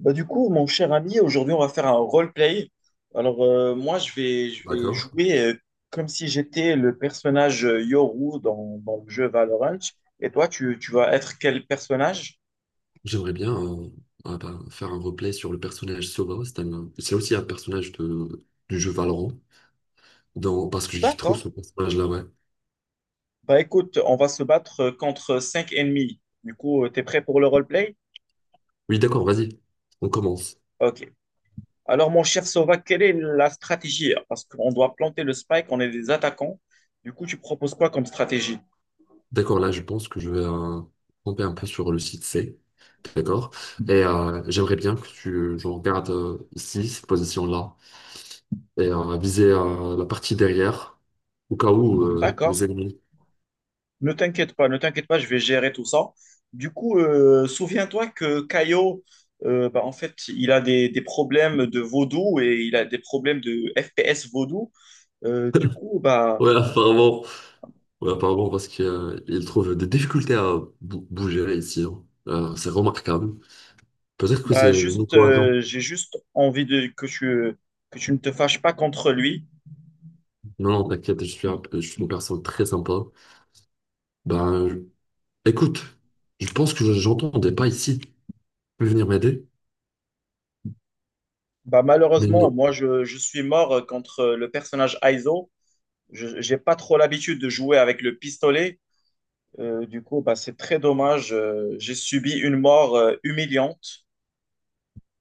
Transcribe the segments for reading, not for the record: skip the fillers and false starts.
Bah, du coup, mon cher ami, aujourd'hui, on va faire un roleplay. Alors, moi, je vais D'accord. jouer comme si j'étais le personnage Yoru dans le jeu Valorant. Et toi, tu vas être quel personnage? J'aimerais bien faire un replay sur le personnage Sova. C'est aussi un personnage du jeu Valorant. Parce que j'ai trop ce D'accord. personnage-là, ouais. Bah, écoute, on va se battre contre cinq ennemis. Du coup, t'es prêt pour le roleplay? Oui, d'accord, vas-y. On commence. Ok. Alors, mon cher Sova, quelle est la stratégie? Parce qu'on doit planter le spike, on est des attaquants. Du coup, tu proposes quoi comme stratégie? D'accord, là, je pense que je vais camper un peu sur le site C. D'accord. Et j'aimerais bien que tu je regarde ici, cette position-là. Et viser la partie derrière. Au cas où les D'accord. ennemis. Ne t'inquiète pas, ne t'inquiète pas, je vais gérer tout ça. Du coup, souviens-toi que Caio, en fait, il a des problèmes de vaudou et il a des problèmes de FPS vaudou. Euh, du coup, bah, Ouais, apparemment. Ouais, apparemment, parce qu'il trouve des difficultés à bouger ici, hein. C'est remarquable. Peut-être que c'est une juste, cohésion. J'ai juste envie de, que que tu ne te fâches pas contre lui. Non, non, t'inquiète, je suis une personne très sympa. Ben, je- écoute, je pense que j'entendais pas ici. Tu peux venir m'aider? Bah, Mais malheureusement, non. moi, je suis mort contre le personnage Aizo. Je n'ai pas trop l'habitude de jouer avec le pistolet. C'est très dommage. J'ai subi une mort humiliante.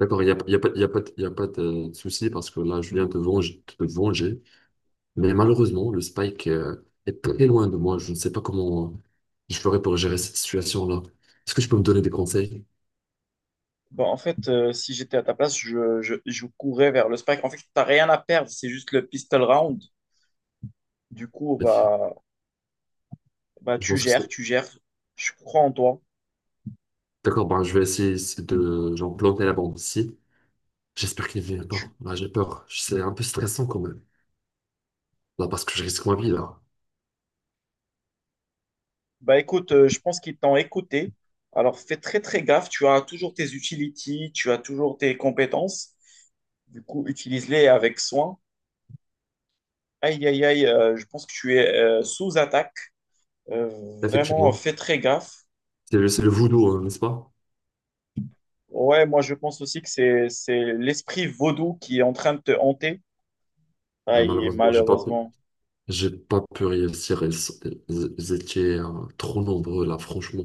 D'accord, il n'y a, y a pas, de- y a pas de souci parce que là, je viens te venger, te venger. Mais malheureusement, le Spike est très loin de moi. Je ne sais pas comment je ferais pour gérer cette situation-là. Est-ce que je peux me donner des conseils? Bon, en fait, si j'étais à ta place, je courais vers le spike. En fait, t'as rien à perdre, c'est juste le pistol round. Du coup, Je bah, tu pense que c'est... gères, tu gères. Je crois en toi. D'accord, ben, je vais essayer de genre, planter la bombe ici. J'espère qu'il ne vient Tu- pas. Là, j'ai peur. C'est un peu stressant quand même. Là, parce que je risque ma vie, là. Bah, écoute, je pense qu'ils t'ont écouté. Alors, fais très, très gaffe. Tu as toujours tes utilities, tu as toujours tes compétences. Du coup, utilise-les avec soin. Aïe, aïe, aïe, je pense que tu es sous attaque. Euh, vraiment, Effectivement. fais très gaffe. C'est le voodoo, hein, n'est-ce pas? Ouais, moi, je pense aussi que c'est l'esprit vaudou qui est en train de te hanter. Mais Aïe, malheureusement, j'ai pas... malheureusement. J'ai pas pu réussir. Ils étaient trop nombreux là, franchement.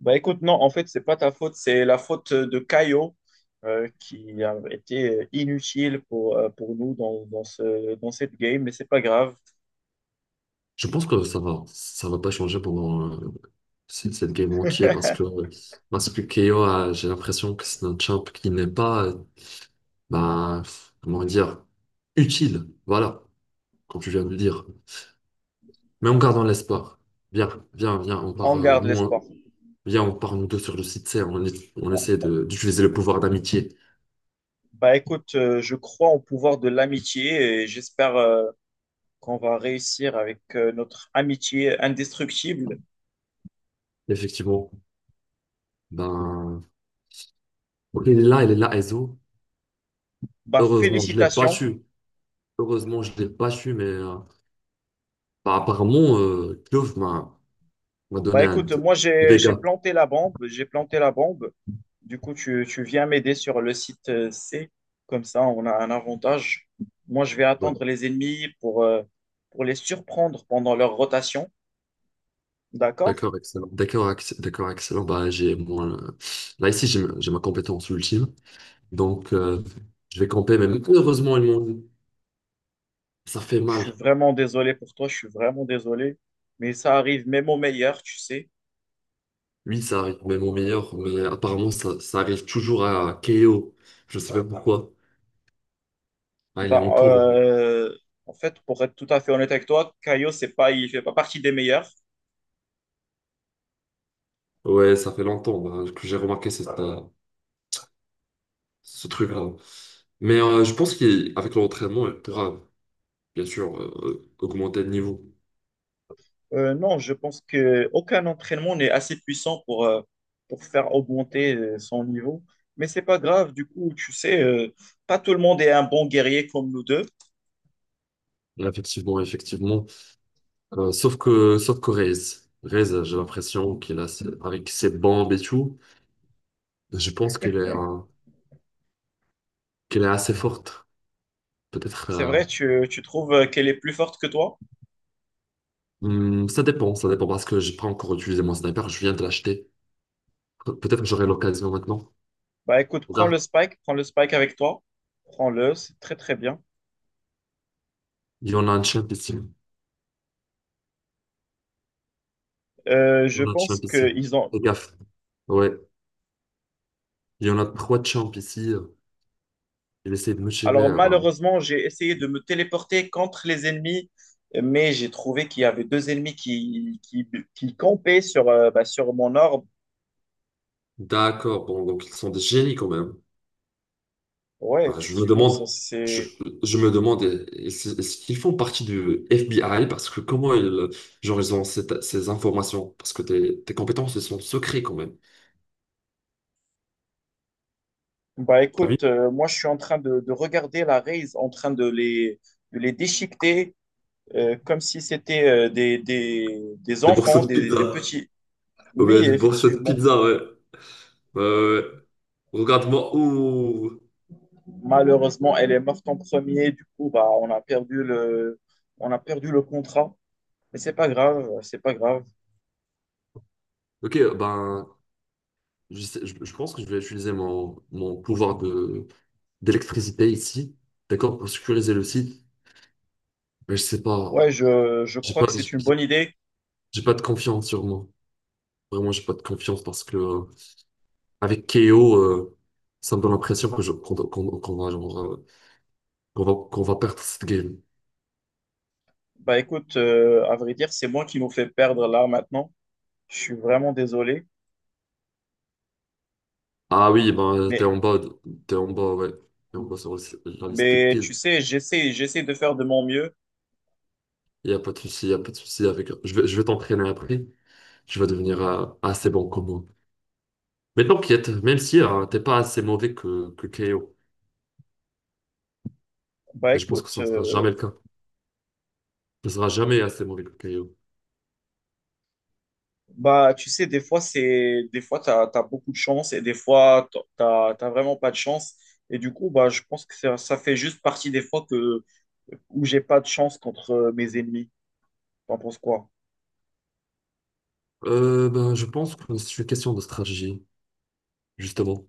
Bah écoute, non, en fait, c'est pas ta faute, c'est la faute de Caio qui a été inutile pour nous dans cette game, mais c'est pas grave. Je pense que ça va pas changer pendant cette game entière parce que KO, j'ai l'impression que c'est un champ qui n'est pas, bah, comment dire, utile. Voilà, comme tu viens de le dire. Mais en gardant l'espoir. Viens, viens, on part, On garde l'espoir. On part nous deux sur le site C. On essaie d'utiliser le pouvoir d'amitié. Bah écoute, je crois au pouvoir de l'amitié et j'espère qu'on va réussir avec notre amitié indestructible. Effectivement, ben, ok, il est là, Ezo. Bah Heureusement, je l'ai pas félicitations. su. Heureusement, je l'ai pas su, mais apparemment, Klov m'a Bah donné un écoute, moi j'ai dégât. planté la bombe, j'ai planté la bombe. Du coup, tu viens m'aider sur le site C, comme ça on a un avantage. Moi, je vais Ouais. attendre les ennemis pour les surprendre pendant leur rotation. D'accord? D'accord, excellent. D'accord, excellent. Là ici, j'ai ma compétence ultime, donc je vais camper. Mais heureusement, ils m'ont dit, ça fait Je mal. suis vraiment désolé pour toi, je suis vraiment désolé. Mais ça arrive même au meilleur, tu sais. Oui, ça arrive, même au meilleur. Mais apparemment, ça arrive toujours à KO. Je sais pas pourquoi. Ah, il est Bah, encore euh, en fait, pour être tout à fait honnête avec toi, Caio, c'est pas, il fait pas partie des meilleurs. Ouais, ça fait longtemps bah, que j'ai remarqué ce truc-là. Mais je pense qu'avec l'entraînement, il pourra bien sûr augmenter le niveau. Non, je pense que aucun entraînement n'est assez puissant pour faire augmenter son niveau. Mais c'est pas grave, du coup, tu sais, pas tout le monde est un bon guerrier comme nous deux. Effectivement, effectivement. Sauf que Reyes, Reyes, j'ai l'impression qu'il a, avec ses bombes et tout, je pense qu'elle est assez forte. Peut-être, C'est vrai, tu trouves qu'elle est plus forte que toi? hmm, ça dépend parce que j'ai pas encore utilisé mon sniper, je viens de l'acheter. Peut-être que j'aurai l'occasion maintenant. Bah écoute, Regarde, prends le Spike avec toi. Prends-le, c'est très très bien. il y en a un champ ici. Il y Je en a un champ pense ici. qu'ils ont… Fais gaffe. Ouais, il y en a trois champs ici. Il essaie de me tirer, Alors bah. malheureusement, j'ai essayé de me téléporter contre les ennemis, mais j'ai trouvé qu'il y avait deux ennemis qui campaient sur, sur mon orbe. D'accord, bon, donc ils sont des génies quand même. Ouais, Bah, je me effectivement, ça demande, je, c'est… je me demande, est-ce qu'ils font partie du FBI? Parce que comment ils, genre, ils ont ces informations? Parce que tes compétences, elles sont secrets quand même. Bah T'as vu? écoute, moi je suis en train de regarder la raise, en train de les déchiqueter comme si c'était des Des morceaux enfants, de des pizza. petits. Ou bien Oui, des morceaux de effectivement. pizza, ouais. Ouais, ouais, ouais. Regarde-moi. Ouh. Malheureusement, elle est morte en premier. Du coup, on a perdu le contrat. Mais c'est pas grave, c'est pas grave. Ok, ben, je pense que je vais utiliser mon pouvoir d'électricité ici, d'accord, pour sécuriser le site. Mais je sais pas, Ouais, je j'ai crois pas, que c'est une bonne idée. j'ai pas de confiance sur moi. Vraiment, j'ai pas de confiance parce que avec KO, ça me donne l'impression que je qu'on qu'on- qu'on va genre, qu'on va perdre cette game. Bah écoute, à vrai dire, c'est moi qui nous fais perdre là maintenant. Je suis vraiment désolé. Ah oui, Mais, t'es en bas, ouais, t'es en bas sur la liste des mais tu kills. sais, j'essaie de faire de mon mieux. Il y a pas de souci, il y a pas de souci avec. Je vais t'entraîner après. Tu vas devenir assez bon comme moi. Mais t'inquiète, même si t'es pas assez mauvais que KO, Bah et je pense que écoute, ça ne sera euh, jamais le cas. Tu ne seras jamais assez mauvais que KO. Bah, tu sais, des fois, t'as beaucoup de chance et des fois, t'as vraiment pas de chance. Et du coup, bah, je pense que ça fait juste partie des fois que, où j'ai pas de chance contre mes ennemis. T'en penses quoi? Ben, je pense que c'est une question de stratégie, justement.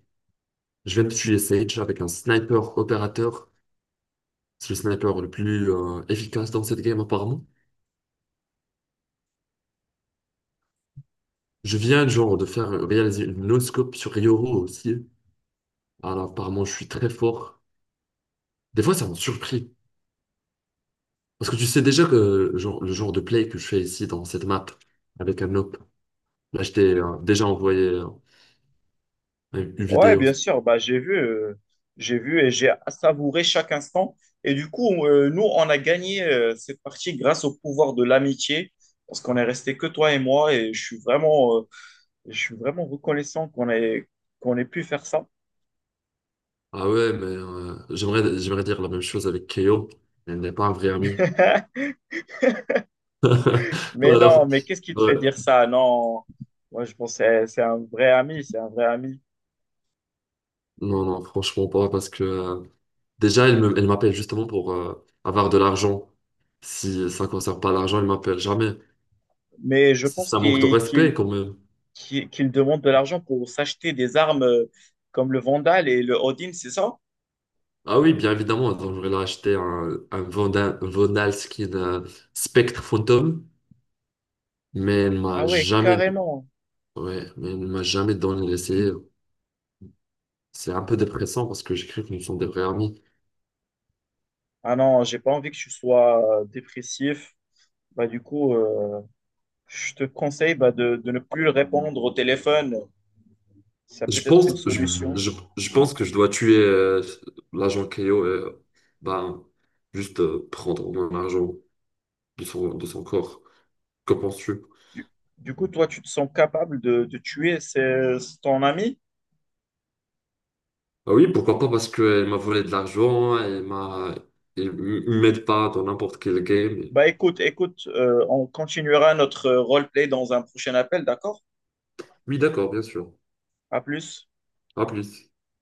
Je vais me tuer Sage avec un sniper opérateur. C'est le sniper le plus efficace dans cette game apparemment. Je viens genre de faire réaliser une no-scope sur Yoru aussi. Alors apparemment je suis très fort. Des fois ça m'a surpris. Parce que tu sais déjà que genre, le genre de play que je fais ici dans cette map avec un op. Là je t'ai déjà envoyé une Ouais, vidéo. bien sûr. Bah, j'ai vu et j'ai savouré chaque instant. Et du coup, nous, on a gagné cette partie grâce au pouvoir de l'amitié, parce qu'on est resté que toi et moi. Et je suis vraiment reconnaissant qu'on ait pu faire ça. Ah ouais mais j'aimerais dire la même chose avec KO. Elle n'est pas un vrai ami. Mais non, Alors, mais qu'est-ce qui te ouais. fait dire ça? Non, moi je pense que c'est un vrai ami, c'est un vrai ami. Non, non, franchement pas, parce que déjà, elle m'appelle justement pour avoir de l'argent. Si ça ne concerne pas l'argent, elle m'appelle jamais. Mais je Si pense ça manque de respect, quand même. Qu'il demande de l'argent pour s'acheter des armes comme le Vandal et le Odin, c'est ça? Ah oui, bien évidemment. Donc, j'aurais là acheté un Vonal Skin Spectre Phantom, mais elle Ah m'a ouais, jamais, carrément. ouais, mais elle m'a jamais donné l'essayer. C'est un peu dépressant parce que j'ai cru que nous sommes des vrais amis. Ah non, j'ai pas envie que tu sois dépressif. Bah du coup, je te conseille bah, de ne plus répondre au téléphone. Ça peut Je être une pense, je, solution. je, je pense que je dois tuer l'agent Keo et ben, juste prendre mon argent de de son corps. Que penses-tu? Du, du coup, toi, tu te sens capable de tuer ton ami? Ah oui, pourquoi pas, parce qu'elle m'a volé de l'argent, elle m'aide pas dans n'importe quel game. Bah écoute, écoute, on continuera notre roleplay dans un prochain appel, d'accord? Oui, d'accord, bien sûr. À plus. À plus.